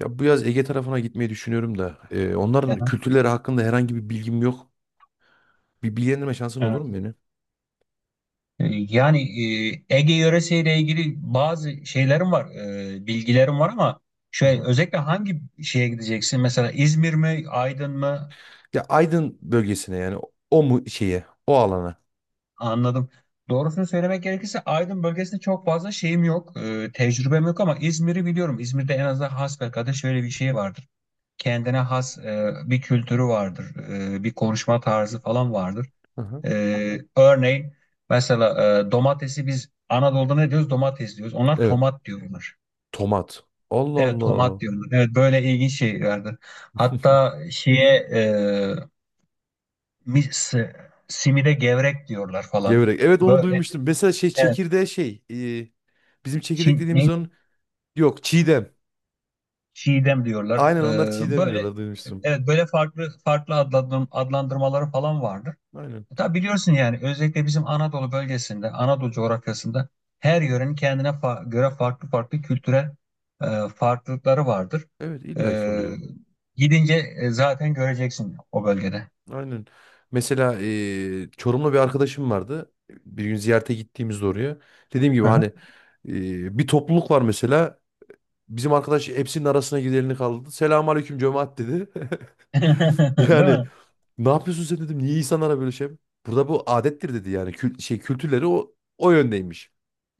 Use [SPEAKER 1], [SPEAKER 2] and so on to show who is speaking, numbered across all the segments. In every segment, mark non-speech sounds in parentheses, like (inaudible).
[SPEAKER 1] Ya bu yaz Ege tarafına gitmeyi düşünüyorum da. Onların
[SPEAKER 2] Aha,
[SPEAKER 1] kültürleri hakkında herhangi bir bilgim yok. Bir bilgilendirme şansın olur
[SPEAKER 2] evet.
[SPEAKER 1] mu beni?
[SPEAKER 2] Yani Ege yöresiyle ilgili bazı şeylerim var, bilgilerim var ama
[SPEAKER 1] Hı
[SPEAKER 2] şey
[SPEAKER 1] hı.
[SPEAKER 2] özellikle hangi şeye gideceksin? Mesela İzmir mi, Aydın mı?
[SPEAKER 1] Ya Aydın bölgesine yani o mu şeye, o alana.
[SPEAKER 2] Anladım. Doğrusunu söylemek gerekirse Aydın bölgesinde çok fazla şeyim yok, tecrübem yok ama İzmir'i biliyorum. İzmir'de en azından hasbelkader şöyle bir şey vardır. Kendine has bir kültürü vardır, bir konuşma tarzı falan vardır.
[SPEAKER 1] Hı hı.
[SPEAKER 2] Örneğin mesela domatesi biz Anadolu'da ne diyoruz? Domates diyoruz. Onlar
[SPEAKER 1] Evet.
[SPEAKER 2] tomat diyorlar.
[SPEAKER 1] Tomat. Allah
[SPEAKER 2] Evet, tomat
[SPEAKER 1] Allah.
[SPEAKER 2] diyorlar. Evet, böyle ilginç şeylerdi.
[SPEAKER 1] (laughs)
[SPEAKER 2] Hatta şeye, e, mis, si, simide gevrek diyorlar falan.
[SPEAKER 1] Gevrek. Evet onu
[SPEAKER 2] Böyle,
[SPEAKER 1] duymuştum. Mesela şey
[SPEAKER 2] evet.
[SPEAKER 1] çekirdeğe şey. Bizim çekirdek dediğimiz
[SPEAKER 2] Neydi?
[SPEAKER 1] onun. Yok çiğdem.
[SPEAKER 2] Çiğdem diyorlar.
[SPEAKER 1] Aynen, onlar çiğdem
[SPEAKER 2] Böyle,
[SPEAKER 1] diyorlar, duymuştum.
[SPEAKER 2] evet, böyle farklı farklı adlandırmaları falan vardır.
[SPEAKER 1] Aynen.
[SPEAKER 2] Tabi biliyorsun yani özellikle bizim Anadolu bölgesinde, Anadolu coğrafyasında her yörenin kendine göre farklı farklı kültürel farklılıkları vardır.
[SPEAKER 1] Evet
[SPEAKER 2] E,
[SPEAKER 1] illaki oluyor.
[SPEAKER 2] gidince zaten göreceksin o bölgede.
[SPEAKER 1] Aynen. Mesela Çorumlu bir arkadaşım vardı. Bir gün ziyarete gittiğimizde oraya. Dediğim gibi
[SPEAKER 2] Hı
[SPEAKER 1] hani
[SPEAKER 2] hı.
[SPEAKER 1] bir topluluk var mesela. Bizim arkadaş hepsinin arasına giderini kaldı. Selamun aleyküm cemaat dedi. (laughs)
[SPEAKER 2] (laughs) Değil
[SPEAKER 1] Yani
[SPEAKER 2] mi?
[SPEAKER 1] ne yapıyorsun sen dedim. Niye insanlara böyle şey? Burada bu adettir dedi yani. Kül- şey kültürleri o yöndeymiş.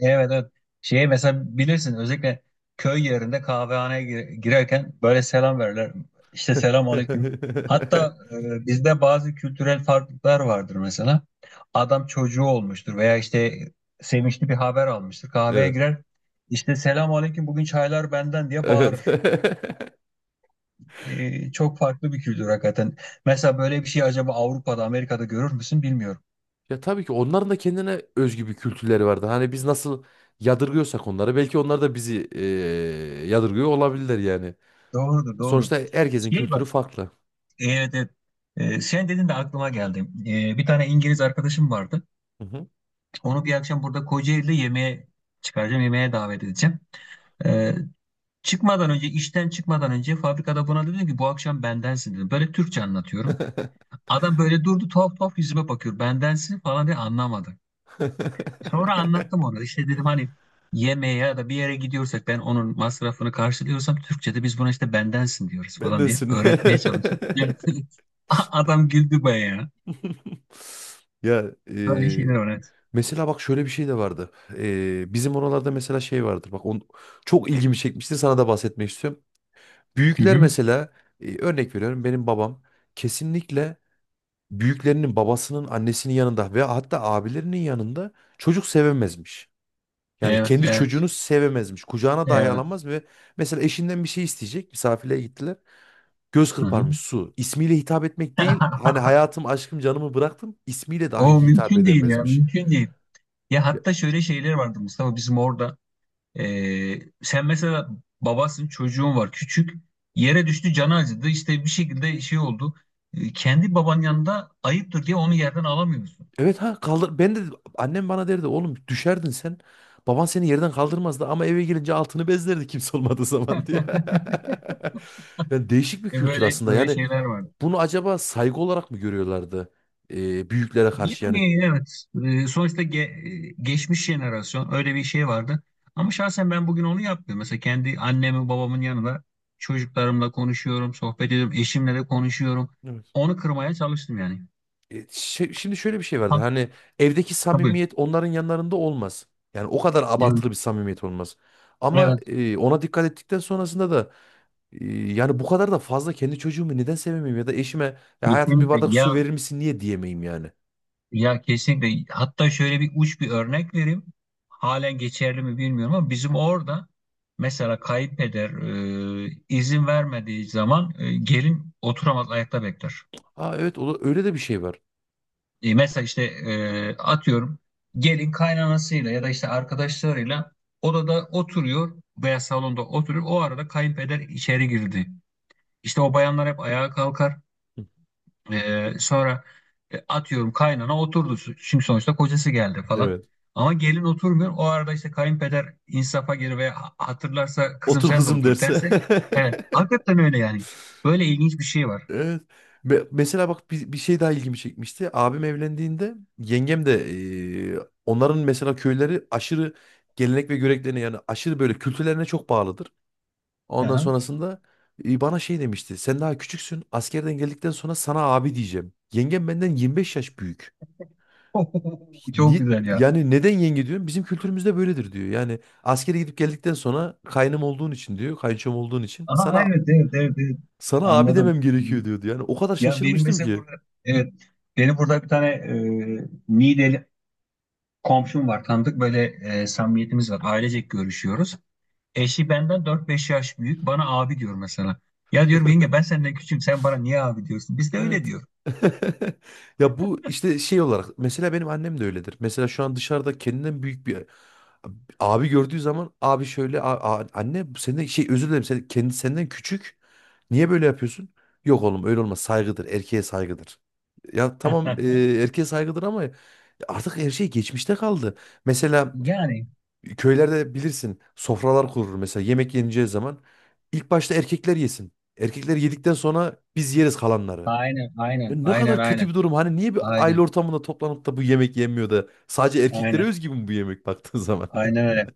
[SPEAKER 2] Evet, evet. Şey, mesela bilirsin özellikle köy yerinde kahvehaneye girerken böyle selam verirler. İşte, selam aleyküm. Hatta
[SPEAKER 1] (laughs)
[SPEAKER 2] bizde bazı kültürel farklılıklar vardır mesela. Adam çocuğu olmuştur veya işte sevinçli bir haber almıştır. Kahveye
[SPEAKER 1] Evet.
[SPEAKER 2] girer. İşte selam aleyküm, bugün çaylar benden diye
[SPEAKER 1] Evet.
[SPEAKER 2] bağırır.
[SPEAKER 1] (laughs)
[SPEAKER 2] Çok farklı bir kültür hakikaten. Mesela böyle bir şey acaba Avrupa'da, Amerika'da görür müsün bilmiyorum.
[SPEAKER 1] Ya tabii ki onların da kendine özgü bir kültürleri vardı. Hani biz nasıl yadırgıyorsak onları, belki onlar da bizi yadırgıyor olabilirler yani.
[SPEAKER 2] Doğrudur, doğrudur.
[SPEAKER 1] Sonuçta herkesin
[SPEAKER 2] Şey,
[SPEAKER 1] kültürü
[SPEAKER 2] bak.
[SPEAKER 1] farklı.
[SPEAKER 2] Evet, evet. Sen dedin de aklıma geldi. Bir tane İngiliz arkadaşım vardı.
[SPEAKER 1] Hı hı.
[SPEAKER 2] Onu bir akşam burada Kocaeli'de yemeğe çıkaracağım, yemeğe davet edeceğim. Ee, çıkmadan önce, işten çıkmadan önce fabrikada buna dedim ki bu akşam bendensin dedim. Böyle Türkçe anlatıyorum. Adam böyle durdu, tuhaf tuhaf yüzüme bakıyor. Bendensin falan diye anlamadı. Sonra anlattım
[SPEAKER 1] (laughs)
[SPEAKER 2] ona. İşte dedim hani yemeğe ya da bir yere gidiyorsak ben onun masrafını karşılıyorsam Türkçe'de biz buna işte bendensin diyoruz falan diye
[SPEAKER 1] Bendensin.
[SPEAKER 2] öğretmeye
[SPEAKER 1] (laughs)
[SPEAKER 2] çalıştım. (laughs) Adam güldü bayağı.
[SPEAKER 1] Ya
[SPEAKER 2] Böyle şeyler var, evet.
[SPEAKER 1] mesela bak şöyle bir şey de vardı. Bizim oralarda mesela şey vardır. Bak on, çok ilgimi çekmişti. Sana da bahsetmek istiyorum.
[SPEAKER 2] Hı
[SPEAKER 1] Büyükler
[SPEAKER 2] hı.
[SPEAKER 1] mesela örnek veriyorum, benim babam kesinlikle büyüklerinin, babasının, annesinin yanında ve hatta abilerinin yanında çocuk sevemezmiş. Yani
[SPEAKER 2] Evet,
[SPEAKER 1] kendi
[SPEAKER 2] evet.
[SPEAKER 1] çocuğunu sevemezmiş. Kucağına dahi
[SPEAKER 2] Evet.
[SPEAKER 1] alamaz ve mesela eşinden bir şey isteyecek. Misafirliğe gittiler. Göz
[SPEAKER 2] Hı hı.
[SPEAKER 1] kırparmış su. İsmiyle hitap etmek değil. Hani
[SPEAKER 2] (laughs)
[SPEAKER 1] hayatım, aşkım, canımı bıraktım. İsmiyle
[SPEAKER 2] O
[SPEAKER 1] dahi hitap
[SPEAKER 2] mümkün değil ya,
[SPEAKER 1] edemezmiş.
[SPEAKER 2] mümkün değil. Ya,
[SPEAKER 1] Ya,
[SPEAKER 2] hatta şöyle şeyler vardı Mustafa bizim orada. Sen mesela babasın, çocuğun var küçük, yere düştü, canı acıdı işte bir şekilde şey oldu. Kendi baban yanında ayıptır diye onu yerden alamıyorsun.
[SPEAKER 1] evet ha kaldır. Ben de, annem bana derdi oğlum düşerdin sen. Baban seni yerden kaldırmazdı ama eve gelince altını bezlerdi kimse olmadığı zaman diye. (laughs) Yani değişik bir
[SPEAKER 2] E
[SPEAKER 1] kültür
[SPEAKER 2] böyle
[SPEAKER 1] aslında.
[SPEAKER 2] böyle
[SPEAKER 1] Yani
[SPEAKER 2] şeyler vardı.
[SPEAKER 1] bunu acaba saygı olarak mı görüyorlardı? Büyüklere karşı yani.
[SPEAKER 2] Yani, evet, sonuçta geçmiş jenerasyon öyle bir şey vardı. Ama şahsen ben bugün onu yapmıyorum. Mesela kendi annemin babamın yanında çocuklarımla konuşuyorum, sohbet ediyorum, eşimle de konuşuyorum.
[SPEAKER 1] Evet.
[SPEAKER 2] Onu kırmaya çalıştım yani.
[SPEAKER 1] Şimdi şöyle bir şey vardı.
[SPEAKER 2] Ha,
[SPEAKER 1] Hani evdeki
[SPEAKER 2] tabii.
[SPEAKER 1] samimiyet onların yanlarında olmaz. Yani o kadar
[SPEAKER 2] Yani,
[SPEAKER 1] abartılı bir samimiyet olmaz. Ama
[SPEAKER 2] evet,
[SPEAKER 1] ona dikkat ettikten sonrasında da yani bu kadar da fazla kendi çocuğumu neden sevemeyim ya da eşime "Ya hayatım bir
[SPEAKER 2] kesinlikle
[SPEAKER 1] bardak
[SPEAKER 2] ya,
[SPEAKER 1] su verir misin" niye diyemeyim yani.
[SPEAKER 2] kesinlikle, hatta şöyle bir uç bir örnek vereyim. Halen geçerli mi bilmiyorum ama bizim orada mesela kayınpeder izin vermediği zaman gelin oturamaz, ayakta bekler.
[SPEAKER 1] Aa evet, o da- öyle de bir şey var.
[SPEAKER 2] Mesela işte atıyorum, gelin kaynanasıyla ya da işte arkadaşlarıyla odada oturuyor veya salonda oturuyor. O arada kayınpeder içeri girdi. İşte o bayanlar hep ayağa kalkar.
[SPEAKER 1] Hı.
[SPEAKER 2] Sonra atıyorum kaynana oturdu. Çünkü sonuçta kocası geldi falan.
[SPEAKER 1] Evet.
[SPEAKER 2] Ama gelin oturmuyor. O arada işte kayınpeder insafa gelir veya hatırlarsa kızım
[SPEAKER 1] Otur
[SPEAKER 2] sen de
[SPEAKER 1] kızım
[SPEAKER 2] otur
[SPEAKER 1] derse.
[SPEAKER 2] derse.
[SPEAKER 1] (laughs)
[SPEAKER 2] Evet. Hakikaten öyle yani. Böyle ilginç bir şey var.
[SPEAKER 1] Evet. Mesela bak bir şey daha ilgimi çekmişti. Abim evlendiğinde yengem de onların mesela köyleri aşırı gelenek ve göreneklerine, yani aşırı böyle kültürlerine çok bağlıdır. Ondan
[SPEAKER 2] Aha.
[SPEAKER 1] sonrasında bana şey demişti. Sen daha küçüksün. Askerden geldikten sonra sana abi diyeceğim. Yengem benden 25 yaş büyük.
[SPEAKER 2] (laughs) Çok güzel ya.
[SPEAKER 1] Yani neden yenge diyorum? Bizim kültürümüzde böyledir diyor. Yani askere gidip geldikten sonra kaynım olduğun için diyor. Kayınçom olduğun için
[SPEAKER 2] Aha,
[SPEAKER 1] sana
[SPEAKER 2] evet, evet, evet, evet.
[SPEAKER 1] sana abi demem
[SPEAKER 2] Anladım.
[SPEAKER 1] gerekiyor diyordu. Yani o kadar
[SPEAKER 2] Ya, benim
[SPEAKER 1] şaşırmıştım
[SPEAKER 2] mesela
[SPEAKER 1] ki.
[SPEAKER 2] burada, evet, benim burada bir tane Niğdeli komşum var, tanıdık, böyle samimiyetimiz var, ailecek görüşüyoruz. Eşi benden 4-5 yaş büyük, bana abi diyor mesela. Ya diyorum yenge, ben senden küçüğüm, sen bana niye abi diyorsun? Biz de öyle
[SPEAKER 1] Evet.
[SPEAKER 2] diyor.
[SPEAKER 1] (laughs) Ya bu işte şey olarak mesela benim annem de öyledir. Mesela şu an dışarıda kendinden büyük bir abi gördüğü zaman abi şöyle Anne senden şey özür dilerim, sen kendi senden küçük. Niye böyle yapıyorsun?" Yok oğlum öyle olmaz, saygıdır, erkeğe saygıdır. Ya tamam,
[SPEAKER 2] (laughs)
[SPEAKER 1] erkeğe saygıdır ama artık her şey geçmişte kaldı. Mesela
[SPEAKER 2] Yani,
[SPEAKER 1] köylerde bilirsin sofralar kurulur, mesela yemek yeneceği zaman ilk başta erkekler yesin. Erkekler yedikten sonra biz yeriz kalanları.
[SPEAKER 2] aynen
[SPEAKER 1] Ya
[SPEAKER 2] aynen
[SPEAKER 1] ne
[SPEAKER 2] aynen
[SPEAKER 1] kadar kötü
[SPEAKER 2] aynen
[SPEAKER 1] bir durum. Hani niye bir aile
[SPEAKER 2] aynen
[SPEAKER 1] ortamında toplanıp da bu yemek yenmiyor da sadece erkeklere
[SPEAKER 2] aynen.
[SPEAKER 1] özgü mü bu yemek baktığın zaman? (laughs)
[SPEAKER 2] Aynen öyle.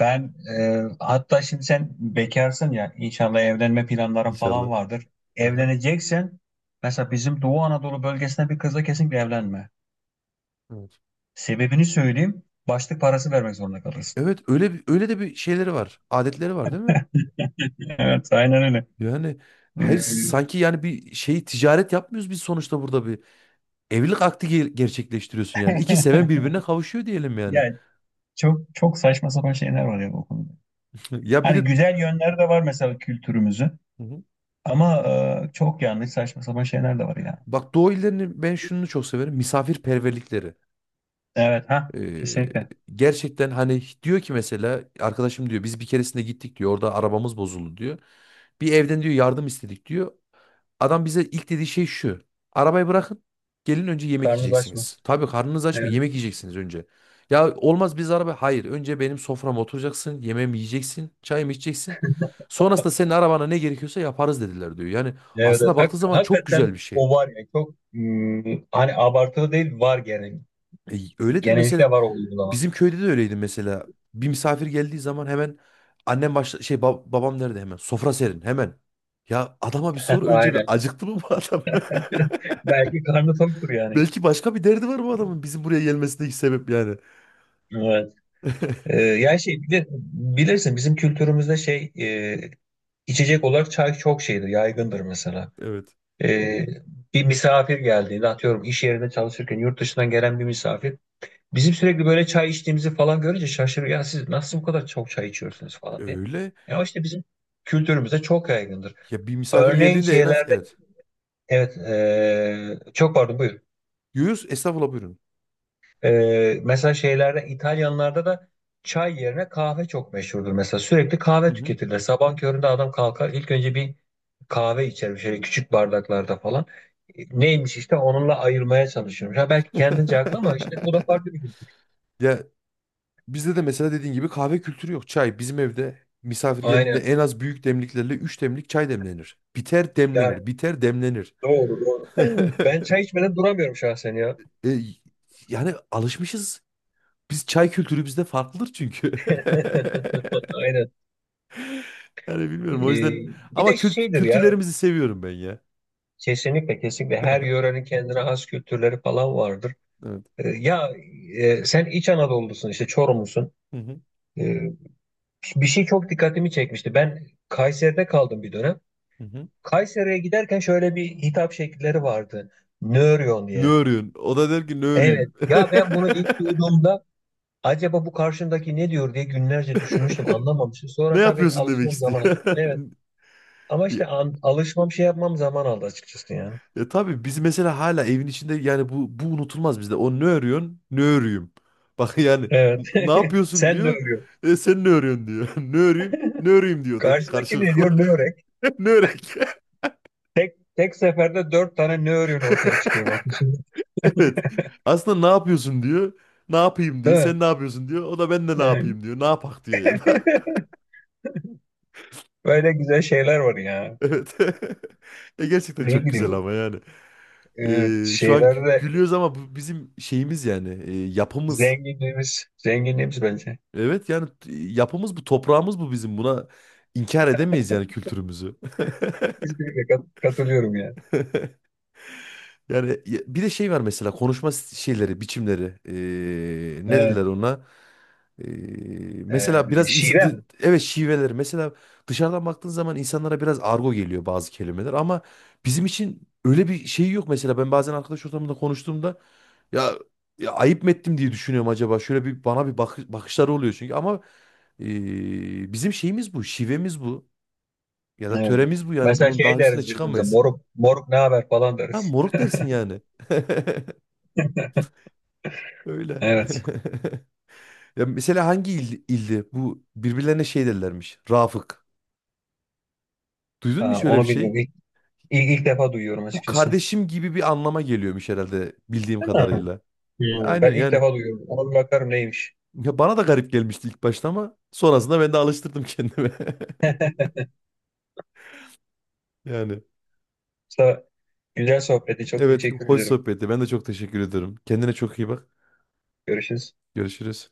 [SPEAKER 2] Ben hatta şimdi sen bekarsın ya, inşallah evlenme planların falan
[SPEAKER 1] İnşallah.
[SPEAKER 2] vardır.
[SPEAKER 1] Aha,
[SPEAKER 2] Evleneceksen mesela bizim Doğu Anadolu bölgesine bir kızla kesinlikle evlenme.
[SPEAKER 1] evet.
[SPEAKER 2] Sebebini söyleyeyim. Başlık parası vermek zorunda kalırsın.
[SPEAKER 1] Evet öyle bir, öyle de bir şeyleri var. Adetleri var değil mi?
[SPEAKER 2] (laughs) Evet, aynen öyle.
[SPEAKER 1] Yani hayır,
[SPEAKER 2] Ee,
[SPEAKER 1] sanki yani bir şey ticaret yapmıyoruz biz, sonuçta burada bir evlilik akdi gerçekleştiriyorsun yani. İki seven birbirine kavuşuyor diyelim
[SPEAKER 2] (laughs)
[SPEAKER 1] yani.
[SPEAKER 2] Yani çok çok saçma sapan şeyler var ya bu konuda.
[SPEAKER 1] (laughs) Ya bir
[SPEAKER 2] Hani
[SPEAKER 1] de
[SPEAKER 2] güzel yönleri de var mesela kültürümüzün
[SPEAKER 1] Hı hı.
[SPEAKER 2] ama çok yanlış saçma sapan şeyler de var ya.
[SPEAKER 1] bak Doğu illerinin ben şunu çok severim. Misafirperverlikleri.
[SPEAKER 2] Evet, ha
[SPEAKER 1] Eee,
[SPEAKER 2] kesinlikle.
[SPEAKER 1] Gerçekten hani diyor ki, mesela arkadaşım diyor biz bir keresinde gittik diyor, orada arabamız bozuldu diyor. Bir evden diyor yardım istedik diyor. Adam bize ilk dediği şey şu. Arabayı bırakın, gelin önce yemek
[SPEAKER 2] Karnınız aç mı?
[SPEAKER 1] yiyeceksiniz. Tabii karnınız aç mı,
[SPEAKER 2] Evet.
[SPEAKER 1] yemek yiyeceksiniz önce. Ya olmaz, biz araba, hayır önce benim soframa oturacaksın, yemeğimi yiyeceksin, çayımı içeceksin. Sonrasında senin arabana ne gerekiyorsa yaparız dediler diyor. Yani
[SPEAKER 2] Evet,
[SPEAKER 1] aslında
[SPEAKER 2] evet.
[SPEAKER 1] baktığı zaman çok güzel bir
[SPEAKER 2] Hakikaten
[SPEAKER 1] şey.
[SPEAKER 2] o var ya, çok hani abartılı değil, var genel.
[SPEAKER 1] Öyledir mesela.
[SPEAKER 2] Genellikle var o uygulama.
[SPEAKER 1] Bizim köyde de öyleydi mesela. Bir misafir geldiği zaman hemen annem başla şey babam nerede, hemen sofra serin hemen. Ya adama bir sor
[SPEAKER 2] (laughs)
[SPEAKER 1] önce, bir
[SPEAKER 2] Aynen.
[SPEAKER 1] acıktı mı bu adam?
[SPEAKER 2] Belki karnı toktur
[SPEAKER 1] (laughs)
[SPEAKER 2] yani.
[SPEAKER 1] Belki başka bir derdi var bu adamın bizim buraya gelmesindeki sebep yani.
[SPEAKER 2] Evet. Ee,
[SPEAKER 1] (laughs)
[SPEAKER 2] yani şey bilirsin bizim kültürümüzde şey içecek olarak çay çok şeydir, yaygındır mesela.
[SPEAKER 1] Evet.
[SPEAKER 2] Ee, bir misafir geldiğinde atıyorum, iş yerinde çalışırken yurt dışından gelen bir misafir bizim sürekli böyle çay içtiğimizi falan görünce şaşırıyor. Ya siz nasıl bu kadar çok çay içiyorsunuz falan diye.
[SPEAKER 1] Öyle.
[SPEAKER 2] Ya işte bizim kültürümüzde çok yaygındır.
[SPEAKER 1] Ya bir misafir
[SPEAKER 2] Örneğin
[SPEAKER 1] geldiğinde en az,
[SPEAKER 2] şeylerde,
[SPEAKER 1] evet.
[SPEAKER 2] evet. Çok pardon, buyurun.
[SPEAKER 1] Yuyuz estağfurullah, buyurun.
[SPEAKER 2] Mesela şeylerde İtalyanlarda da çay yerine kahve çok meşhurdur. Mesela sürekli
[SPEAKER 1] Hı
[SPEAKER 2] kahve
[SPEAKER 1] hı.
[SPEAKER 2] tüketirler. Sabah köründe adam kalkar ilk önce bir kahve içer şöyle küçük bardaklarda falan. Neymiş işte, onunla ayırmaya çalışıyorum. Ha, belki kendince haklı ama işte o da
[SPEAKER 1] (laughs)
[SPEAKER 2] farklı bir şey.
[SPEAKER 1] Ya bizde de mesela dediğin gibi kahve kültürü yok. Çay, bizim evde misafir geldiğinde
[SPEAKER 2] Aynen.
[SPEAKER 1] en az büyük demliklerle 3 demlik çay demlenir. Biter
[SPEAKER 2] Ya,
[SPEAKER 1] demlenir. Biter demlenir.
[SPEAKER 2] doğru doğru.
[SPEAKER 1] (laughs)
[SPEAKER 2] (clears throat) (laughs) Ben çay içmeden duramıyorum şahsen ya.
[SPEAKER 1] E, Yani alışmışız. Biz çay kültürü bizde farklıdır çünkü.
[SPEAKER 2] (laughs)
[SPEAKER 1] (laughs)
[SPEAKER 2] Aynen.
[SPEAKER 1] Yani
[SPEAKER 2] Ee,
[SPEAKER 1] bilmiyorum o yüzden,
[SPEAKER 2] bir
[SPEAKER 1] ama
[SPEAKER 2] de şeydir ya.
[SPEAKER 1] kültürlerimizi seviyorum ben ya.
[SPEAKER 2] Kesinlikle, kesinlikle. Her
[SPEAKER 1] (laughs)
[SPEAKER 2] yörenin kendine has kültürleri falan vardır.
[SPEAKER 1] Evet.
[SPEAKER 2] Ya, sen İç Anadolu'lusun işte Çorumlusun.
[SPEAKER 1] Hı hı.
[SPEAKER 2] Ee, bir şey çok dikkatimi çekmişti. Ben Kayseri'de kaldım bir dönem.
[SPEAKER 1] Hı hı.
[SPEAKER 2] Kayseri'ye giderken şöyle bir hitap şekilleri vardı. Nöryon
[SPEAKER 1] Ne
[SPEAKER 2] diye.
[SPEAKER 1] örüyorsun? O da der ki ne
[SPEAKER 2] Evet.
[SPEAKER 1] öreyim. (laughs)
[SPEAKER 2] Ya ben bunu
[SPEAKER 1] (laughs)
[SPEAKER 2] ilk duyduğumda acaba bu karşımdaki ne diyor diye günlerce düşünmüştüm. Anlamamıştım.
[SPEAKER 1] Ne
[SPEAKER 2] Sonra tabii
[SPEAKER 1] yapıyorsun demek
[SPEAKER 2] alışmam zaman aldı.
[SPEAKER 1] istiyor.
[SPEAKER 2] Evet. Ama işte
[SPEAKER 1] (laughs)
[SPEAKER 2] alışmam şey yapmam zaman aldı açıkçası yani.
[SPEAKER 1] Ya tabii biz mesela hala evin içinde yani bu unutulmaz bizde. O ne örüyorsun? Ne örüyüm. (laughs) Bak yani
[SPEAKER 2] Evet.
[SPEAKER 1] Ne
[SPEAKER 2] (laughs)
[SPEAKER 1] yapıyorsun"
[SPEAKER 2] Sen de
[SPEAKER 1] diyor.
[SPEAKER 2] öyle.
[SPEAKER 1] Sen ne örüyorsun" diyor. (laughs) Ne öreyim? Ne öreyim diyor da
[SPEAKER 2] Karşıdaki ne
[SPEAKER 1] karşılıklı.
[SPEAKER 2] diyor? Ne örek?
[SPEAKER 1] (laughs) Ne örek? (laughs)
[SPEAKER 2] Tek tek seferde dört tane ne örüğün ortaya çıkıyor bak.
[SPEAKER 1] Evet. Aslında ne yapıyorsun diyor. Ne yapayım diyor.
[SPEAKER 2] Değil mi?
[SPEAKER 1] Sen ne yapıyorsun diyor. O da ben de ne
[SPEAKER 2] Evet.
[SPEAKER 1] yapayım diyor. Ne yapak diyor ya da.
[SPEAKER 2] (laughs) Böyle güzel şeyler var ya.
[SPEAKER 1] (laughs) Evet. (laughs) Gerçekten
[SPEAKER 2] Ne, evet,
[SPEAKER 1] çok güzel
[SPEAKER 2] bileyim.
[SPEAKER 1] ama yani.
[SPEAKER 2] Evet,
[SPEAKER 1] E, şu an
[SPEAKER 2] şeylerde
[SPEAKER 1] gülüyoruz ama bu bizim şeyimiz yani. Yapımız.
[SPEAKER 2] zenginliğimiz, zenginliğimiz bence.
[SPEAKER 1] Evet yani yapımız bu, toprağımız bu bizim. Buna inkar edemeyiz yani kültürümüzü.
[SPEAKER 2] Kesinlikle katılıyorum ya.
[SPEAKER 1] (laughs) Yani bir de şey var mesela konuşma şeyleri, biçimleri. Ne dediler
[SPEAKER 2] Evet.
[SPEAKER 1] ona? Ee,
[SPEAKER 2] Ee,
[SPEAKER 1] Mesela biraz insan,
[SPEAKER 2] şive mi?
[SPEAKER 1] evet şiveleri. Mesela dışarıdan baktığın zaman insanlara biraz argo geliyor bazı kelimeler, ama bizim için öyle bir şey yok mesela. Ben bazen arkadaş ortamında konuştuğumda ya, ya ayıp mı ettim diye düşünüyorum acaba. Şöyle bir bana bir bakışları oluyor çünkü, ama bizim şeyimiz bu, şivemiz bu. Ya da
[SPEAKER 2] Evet.
[SPEAKER 1] töremiz bu yani.
[SPEAKER 2] Mesela
[SPEAKER 1] Bunun daha
[SPEAKER 2] şey
[SPEAKER 1] üstüne
[SPEAKER 2] deriz birbirimize.
[SPEAKER 1] çıkamayız.
[SPEAKER 2] Moruk, moruk ne haber falan
[SPEAKER 1] Ha,
[SPEAKER 2] deriz.
[SPEAKER 1] moruk dersin yani. (laughs) Öyle.
[SPEAKER 2] Evet.
[SPEAKER 1] (laughs) Ya mesela hangi ildi? Bu birbirlerine şey derlermiş. Rafık. Duydun mu
[SPEAKER 2] Ha,
[SPEAKER 1] şöyle bir
[SPEAKER 2] onu
[SPEAKER 1] şey?
[SPEAKER 2] bilmiyorum. İlk
[SPEAKER 1] Bu,
[SPEAKER 2] defa duyuyorum
[SPEAKER 1] bu
[SPEAKER 2] açıkçası.
[SPEAKER 1] kardeşim gibi bir anlama geliyormuş herhalde bildiğim
[SPEAKER 2] Değil mi?
[SPEAKER 1] kadarıyla.
[SPEAKER 2] Hmm, ben
[SPEAKER 1] Aynen
[SPEAKER 2] ilk
[SPEAKER 1] yani.
[SPEAKER 2] defa duyuyorum. Ona bir bakarım neymiş.
[SPEAKER 1] Ya bana da garip gelmişti ilk başta ama sonrasında ben de alıştırdım kendime. (laughs) Yani
[SPEAKER 2] Musa, güzel sohbeti. Çok
[SPEAKER 1] evet,
[SPEAKER 2] teşekkür
[SPEAKER 1] hoş
[SPEAKER 2] ederim.
[SPEAKER 1] sohbetti. Ben de çok teşekkür ederim. Kendine çok iyi bak.
[SPEAKER 2] Görüşürüz.
[SPEAKER 1] Görüşürüz.